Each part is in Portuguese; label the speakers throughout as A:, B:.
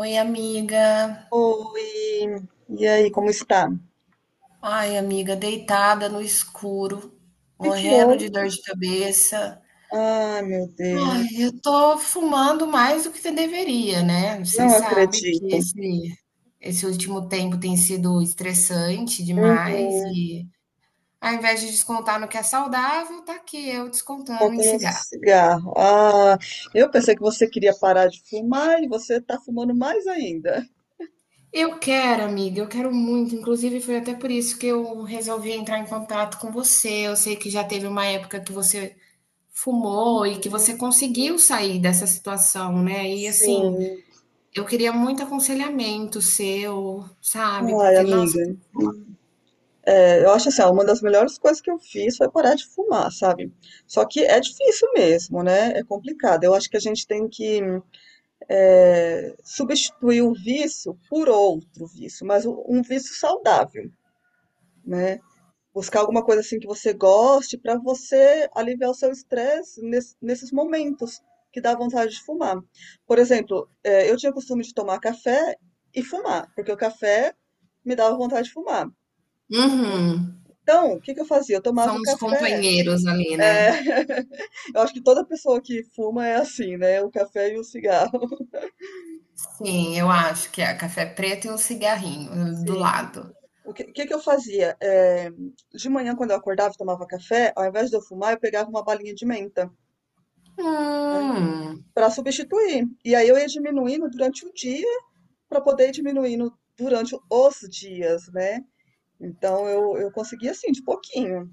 A: Oi, amiga.
B: Oi, e aí, como está? O
A: Ai, amiga, deitada no escuro,
B: que que
A: morrendo de
B: houve?
A: dor de cabeça.
B: Ai, meu
A: Ai,
B: Deus,
A: eu tô fumando mais do que deveria, né? Você
B: não
A: sabe que
B: acredito.
A: esse último tempo tem sido estressante demais
B: Uhum,
A: e ao invés de descontar no que é saudável, tá aqui eu descontando em
B: contando um
A: cigarro.
B: cigarro. Ah, eu pensei que você queria parar de fumar e você está fumando mais ainda.
A: Eu quero, amiga, eu quero muito. Inclusive, foi até por isso que eu resolvi entrar em contato com você. Eu sei que já teve uma época que você
B: Uhum,
A: fumou e que você conseguiu sair dessa situação, né. E assim,
B: sim,
A: eu queria muito aconselhamento seu, sabe,
B: ai,
A: porque nossa.
B: amiga. É, eu acho assim, ó, uma das melhores coisas que eu fiz foi parar de fumar, sabe? Só que é difícil mesmo, né? É complicado. Eu acho que a gente tem que é, substituir o vício por outro vício, mas um vício saudável, né? Buscar alguma coisa assim que você goste para você aliviar o seu estresse nesses momentos que dá vontade de fumar. Por exemplo, eu tinha o costume de tomar café e fumar, porque o café me dava vontade de fumar, né?
A: Uhum.
B: Então, o que que eu fazia? Eu tomava o
A: São os
B: café.
A: companheiros ali,
B: eh,
A: né.
B: Eu acho que toda pessoa que fuma é assim, né? O café e o cigarro.
A: Sim, eu acho que é café preto e um cigarrinho do
B: Sim.
A: lado.
B: O que, que eu fazia? De manhã, quando eu acordava e tomava café, ao invés de eu fumar, eu pegava uma balinha de menta, né?
A: Hum.
B: Para substituir. E aí eu ia diminuindo durante o dia para poder ir diminuindo durante os dias, né? Então eu consegui assim, de pouquinho.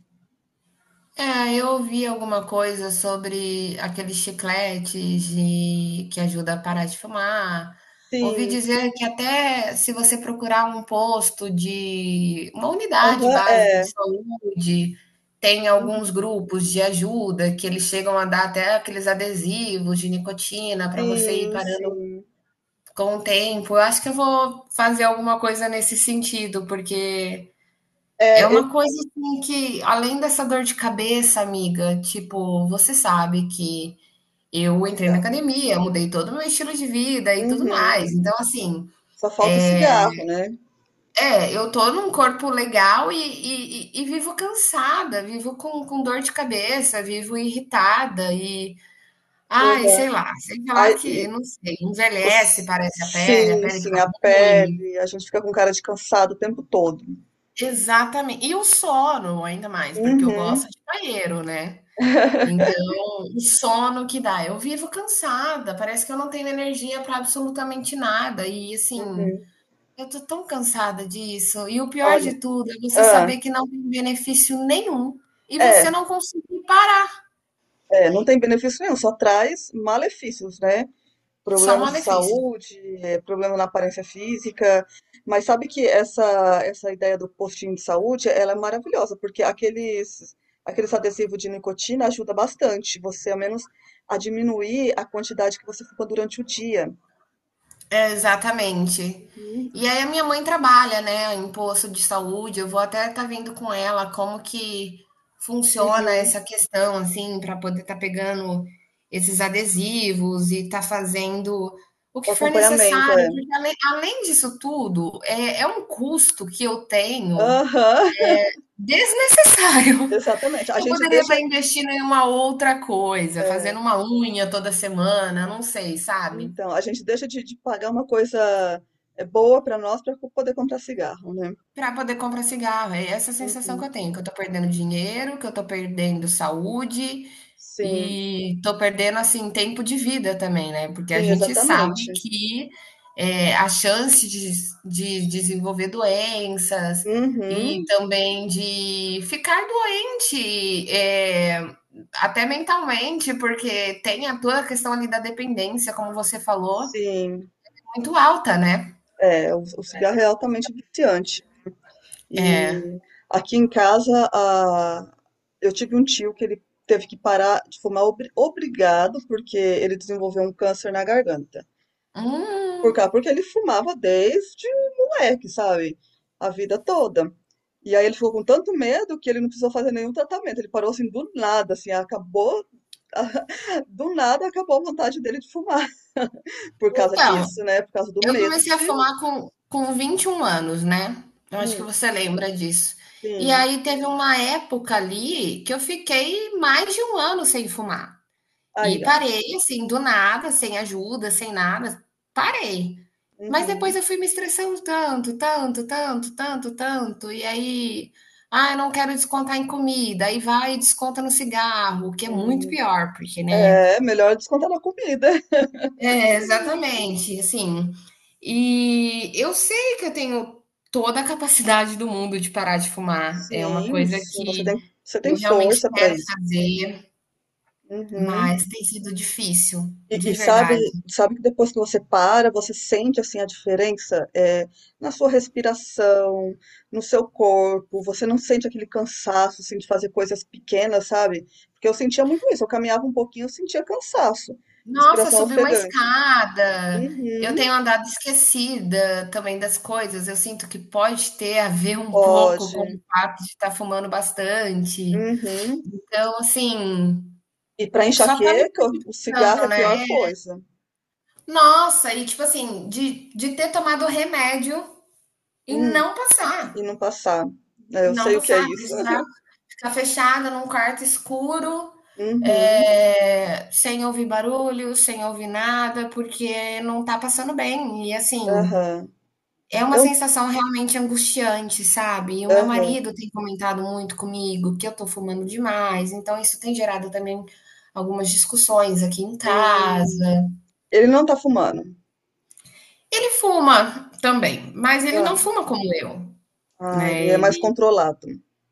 A: É, eu ouvi alguma coisa sobre aqueles que ajuda a parar de fumar. Ouvi
B: Sim,
A: dizer que até se você procurar um posto de uma unidade
B: aham,
A: básica
B: é.
A: de saúde, tem alguns
B: Uhum.
A: grupos de ajuda que eles chegam a dar até aqueles adesivos de nicotina para você ir
B: Sim,
A: parando
B: sim.
A: com o tempo. Eu acho que eu vou fazer alguma coisa nesse sentido, porque é
B: É,
A: uma
B: esse
A: coisa assim que, além dessa dor de cabeça, amiga, tipo, você sabe que eu entrei na
B: cigarro.
A: academia, mudei todo o meu estilo de vida e tudo
B: Uhum.
A: mais. Então, assim,
B: Só falta o cigarro, né?
A: é, eu tô num corpo legal e, e vivo cansada, vivo com dor de cabeça, vivo irritada e, ai,
B: Uhum.
A: sei lá
B: Aí,
A: que, não sei, envelhece, parece a
B: sim,
A: pele
B: sim,
A: fica
B: a
A: ruim.
B: pele, a gente fica com cara de cansado o tempo todo.
A: Exatamente. E o sono, ainda mais, porque eu gosto
B: Uhum.
A: de banheiro, né? Então, o sono que dá. Eu vivo cansada, parece que eu não tenho energia para absolutamente nada. E assim,
B: Uhum.
A: eu tô tão cansada disso. E o pior
B: Olha,
A: de tudo é você
B: ah,
A: saber que não tem benefício nenhum e
B: é,
A: você não conseguir parar,
B: é, não tem benefício nenhum, só traz malefícios, né?
A: só um
B: Problemas de
A: malefício.
B: saúde, é, problema na aparência física. Mas sabe que essa ideia do postinho de saúde, ela é maravilhosa, porque aqueles adesivos de nicotina ajuda bastante você, ao menos, a diminuir a quantidade que você fuma durante o dia.
A: É, exatamente.
B: Uhum,
A: E aí a minha mãe trabalha, né, em posto de saúde. Eu vou até estar vendo com ela como que funciona
B: uhum.
A: essa questão, assim, para poder estar pegando esses adesivos e estar fazendo o
B: O
A: que for
B: acompanhamento, é.
A: necessário, porque além disso tudo, é, é um custo que eu tenho
B: Aham,
A: desnecessário.
B: exatamente. A
A: Eu
B: gente
A: poderia estar
B: deixa,
A: investindo em uma outra coisa,
B: é,
A: fazendo uma unha toda semana, não sei, sabe?
B: então, a gente deixa de pagar uma coisa é, boa para nós para poder comprar cigarro, né?
A: Para poder comprar cigarro. É essa a sensação que eu
B: Uhum.
A: tenho, que eu tô perdendo dinheiro, que eu tô perdendo saúde
B: Sim,
A: e tô perdendo assim tempo de vida também, né? Porque a
B: sim,
A: gente sabe
B: exatamente.
A: que é, a chance de desenvolver doenças e
B: Uhum.
A: também de ficar doente, é, até mentalmente, porque tem a toda a questão ali da dependência, como você falou,
B: Sim,
A: muito alta, né?
B: é, o cigarro é altamente viciante. E
A: É.
B: aqui em casa, eu tive um tio que ele teve que parar de fumar obrigado, porque ele desenvolveu um câncer na garganta. Por
A: Hum,
B: cá, porque ele fumava desde moleque, sabe? A vida toda. E aí ele ficou com tanto medo que ele não precisou fazer nenhum tratamento. Ele parou assim do nada, assim, acabou, do nada acabou a vontade dele de fumar. Por causa
A: então,
B: disso, né? Por causa do
A: eu
B: medo
A: comecei a
B: de.
A: fumar com 21 anos, né? Eu acho que
B: Hum,
A: você lembra disso. E
B: sim.
A: aí teve uma época ali que eu fiquei mais de um ano sem fumar. E
B: Aí, ó.
A: parei, assim, do nada, sem ajuda, sem nada. Parei. Mas depois
B: Uhum,
A: eu fui me estressando tanto, tanto, tanto, tanto, tanto. E aí, ah, eu não quero descontar em comida. Aí vai e desconta no cigarro, o que é muito
B: uhum.
A: pior, porque, né?
B: É melhor descontar na comida.
A: É, exatamente, assim. E eu sei que eu tenho toda a capacidade do mundo de parar de fumar. É uma
B: Sim,
A: coisa
B: sim.
A: que
B: Você tem
A: eu realmente
B: força pra
A: quero
B: isso.
A: fazer, mas
B: Uhum.
A: tem sido difícil,
B: E,
A: de
B: e sabe,
A: verdade.
B: sabe que depois que você para, você sente assim a diferença é, na sua respiração, no seu corpo, você não sente aquele cansaço assim, de fazer coisas pequenas, sabe? Porque eu sentia muito isso, eu caminhava um pouquinho, eu sentia cansaço,
A: Nossa,
B: respiração
A: subir uma
B: ofegante.
A: escada. Eu
B: Uhum,
A: tenho andado esquecida também das coisas. Eu sinto que pode ter a ver um pouco com o
B: pode.
A: fato de estar fumando bastante.
B: Uhum.
A: Então, assim,
B: E para
A: só tá me
B: enxaqueca, o cigarro é
A: prejudicando,
B: a
A: né?
B: pior coisa.
A: Nossa, e tipo assim, de ter tomado remédio e
B: Hum,
A: não
B: e
A: passar,
B: não passar. É, eu
A: não
B: sei o que é
A: passar,
B: isso.
A: precisar ficar fechada num quarto escuro,
B: Uhum.
A: eh, sem ouvir barulho, sem ouvir nada, porque não tá passando bem. E assim,
B: Aham.
A: é uma
B: Eu,
A: sensação realmente angustiante, sabe. E o meu
B: aham.
A: marido tem comentado muito comigo que eu tô fumando demais, então isso tem gerado também algumas discussões aqui em
B: Hum.
A: casa.
B: Ele não tá fumando.
A: Ele fuma também, mas ele
B: Ah,
A: não fuma como eu.
B: ah,
A: Né,
B: ele é mais
A: ele
B: controlado.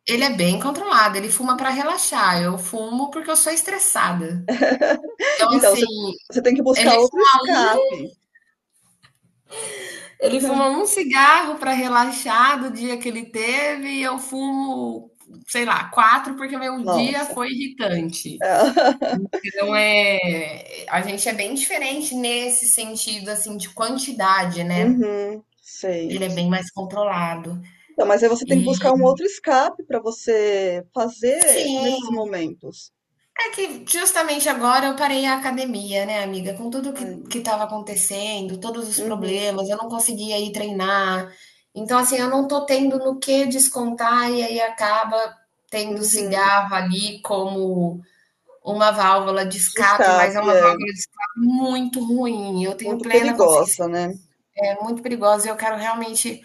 A: ele é bem controlado, ele fuma pra relaxar, eu fumo porque eu sou estressada. Então,
B: Então,
A: assim,
B: você, você tem que
A: ele
B: buscar outro escape.
A: ele fuma um cigarro pra relaxar do dia que ele teve e eu fumo, sei lá, 4 porque meu dia
B: Nossa.
A: foi irritante.
B: É.
A: Então é a gente é bem diferente nesse sentido, assim, de quantidade, né,
B: Uhum, sei.
A: ele é bem mais controlado.
B: Então, mas aí você tem que buscar
A: E
B: um outro escape para você fazer nesses
A: sim.
B: momentos.
A: É que justamente agora eu parei a academia, né, amiga? Com tudo
B: Ai,
A: que estava acontecendo, todos os
B: uhum,
A: problemas, eu não conseguia ir treinar. Então, assim, eu não tô tendo no que descontar e aí acaba tendo
B: uhum.
A: cigarro ali como uma válvula de
B: De
A: escape, mas é
B: escape
A: uma
B: é
A: válvula de escape muito ruim. Eu tenho
B: muito
A: plena consciência
B: perigosa, né?
A: que é muito perigosa e eu quero realmente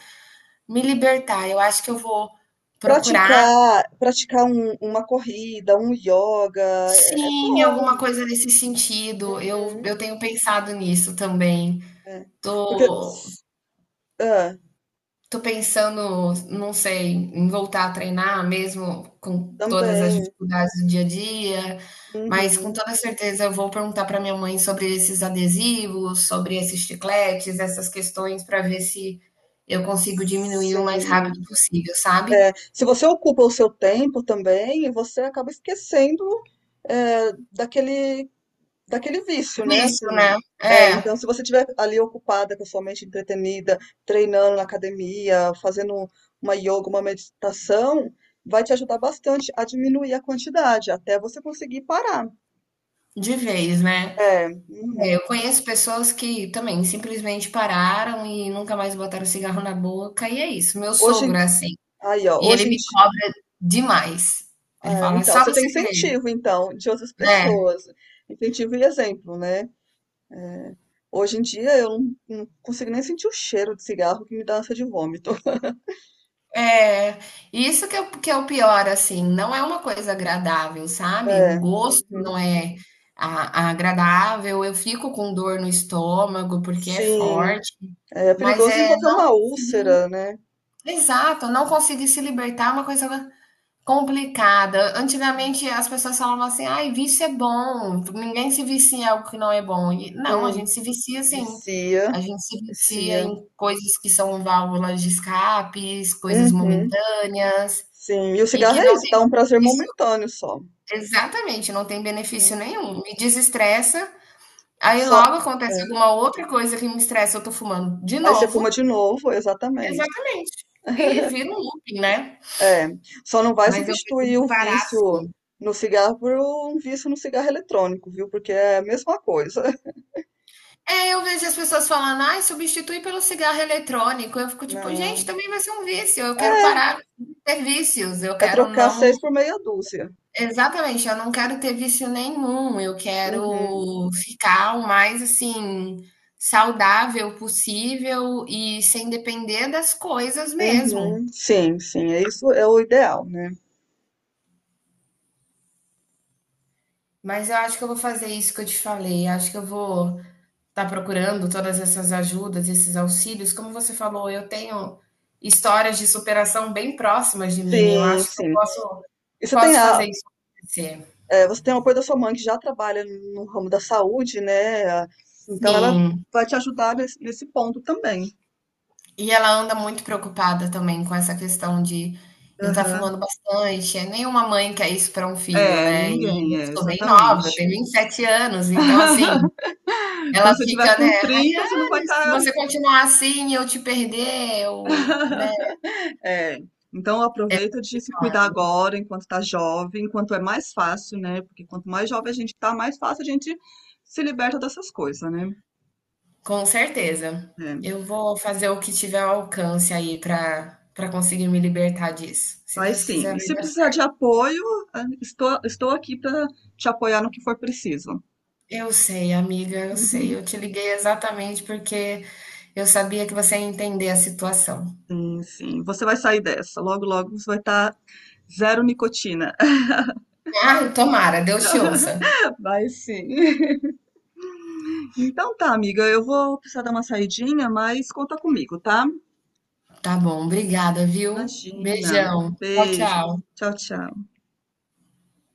A: me libertar. Eu acho que eu vou procurar.
B: Praticar, praticar uma corrida, um yoga é, é
A: Sim,
B: bom.
A: alguma coisa nesse sentido. Eu
B: Uhum,
A: eu tenho pensado nisso também.
B: é. Porque
A: Tô
B: ah,
A: tô pensando, não sei, em voltar a treinar mesmo com todas as
B: também,
A: dificuldades do dia a dia, mas com
B: uhum,
A: toda certeza eu vou perguntar para minha mãe sobre esses adesivos, sobre esses chicletes, essas questões para ver se eu consigo diminuir o mais
B: sim,
A: rápido
B: é.
A: possível, sabe?
B: Se você ocupa o seu tempo também, você acaba esquecendo é, daquele vício, né?
A: Vício, né?
B: Assim, é, então, se
A: É,
B: você estiver ali ocupada com a sua mente entretenida, treinando na academia, fazendo uma yoga, uma meditação, vai te ajudar bastante a diminuir a quantidade, até você conseguir parar.
A: de vez, né?
B: É,
A: É,
B: uhum.
A: eu conheço pessoas que também simplesmente pararam e nunca mais botaram cigarro na boca, e é isso. Meu
B: Hoje,
A: sogro
B: em-
A: é assim,
B: Aí, ó,
A: e ele me cobra demais. Ele
B: ah,
A: fala: "É
B: então,
A: só
B: você tem
A: você querer".
B: incentivo, então, de outras
A: Né.
B: pessoas, incentivo e exemplo, né? É, hoje em dia, eu não, não consigo nem sentir o cheiro de cigarro que me dá ânsia de vômito.
A: É. Isso que é o pior, assim, não é uma coisa agradável, sabe. O
B: É,
A: gosto
B: uhum.
A: não é a agradável, eu fico com dor no estômago, porque é
B: Sim.
A: forte,
B: É
A: mas,
B: perigoso
A: é
B: envolver
A: não
B: uma
A: conseguir
B: úlcera, né?
A: exato, não conseguir se libertar é uma coisa complicada. Antigamente as pessoas falavam assim: "Ai, vício é bom, ninguém se vicia em algo que não é bom". E não, a
B: Hum,
A: gente se vicia sim.
B: vicia,
A: A gente se vicia
B: vicia.
A: em coisas que são válvulas de escapes, coisas
B: Uhum,
A: momentâneas
B: sim. E o
A: e
B: cigarro
A: que
B: é
A: não
B: isso, dá um prazer
A: tem isso
B: momentâneo só.
A: exatamente, não tem benefício
B: Uhum.
A: nenhum. Me desestressa, aí
B: Só.
A: logo acontece
B: É.
A: alguma outra coisa que me estressa, eu tô fumando de
B: Aí você fuma de
A: novo.
B: novo, exatamente.
A: Exatamente. E vira um looping, né.
B: É. Só não vai
A: Mas eu
B: substituir o
A: pretendo parar
B: vício
A: sim.
B: no cigarro por um vício no cigarro eletrônico, viu? Porque é a mesma coisa.
A: É, eu vejo as pessoas falando, ai, substitui pelo cigarro eletrônico. Eu fico tipo, gente,
B: Não.
A: também vai ser um vício. Eu quero parar de ter vícios. Eu
B: É
A: quero
B: trocar
A: não.
B: seis por meia dúzia.
A: Exatamente, eu não quero ter vício nenhum. Eu
B: Uhum.
A: quero ficar o mais assim, saudável possível e sem depender das coisas mesmo.
B: Uhum. Sim, sim. É isso, é o ideal, né?
A: Mas eu acho que eu vou fazer isso que eu te falei. Acho que eu vou está procurando todas essas ajudas, esses auxílios. Como você falou, eu tenho histórias de superação bem próximas de mim. Eu
B: Sim,
A: acho que eu
B: sim.
A: posso,
B: E você tem
A: posso
B: a,
A: fazer isso acontecer.
B: eh, você tem o apoio da sua mãe que já trabalha no ramo da saúde, né? Então ela
A: Sim.
B: vai te ajudar nesse ponto também.
A: E ela anda muito preocupada também com essa questão de eu estar
B: Aham.
A: fumando bastante. É nenhuma mãe quer isso para um filho,
B: É,
A: né? E
B: ninguém,
A: eu
B: é,
A: sou bem nova, eu
B: exatamente.
A: tenho 27 anos, então assim, ela
B: Quando você tiver
A: fica, né,
B: com 30, você não vai
A: Rayane, se
B: estar.
A: você continuar assim, eu te perder, eu, né?
B: É. Então aproveita de se cuidar agora, enquanto tá jovem, enquanto é mais fácil, né? Porque quanto mais jovem a gente tá, mais fácil a gente se liberta dessas coisas, né?
A: Com certeza.
B: É.
A: Eu vou fazer o que tiver ao alcance aí para conseguir me libertar disso. Se
B: Vai
A: Deus
B: sim.
A: quiser,
B: E
A: vai
B: se
A: dar
B: precisar de
A: certo.
B: apoio, ah, estou, estou aqui para te apoiar no que for preciso.
A: Eu sei, amiga, eu sei. Eu te liguei exatamente porque eu sabia que você ia entender a situação.
B: Sim, sim. Você vai sair dessa. Logo, logo você vai estar zero nicotina.
A: Ai, tomara, Deus te ouça.
B: Vai sim. Então tá, amiga. Eu vou precisar dar uma saidinha, mas conta comigo, tá?
A: Tá bom, obrigada, viu?
B: Imagina.
A: Beijão. Tchau,
B: Beijo.
A: tchau.
B: Tchau, tchau.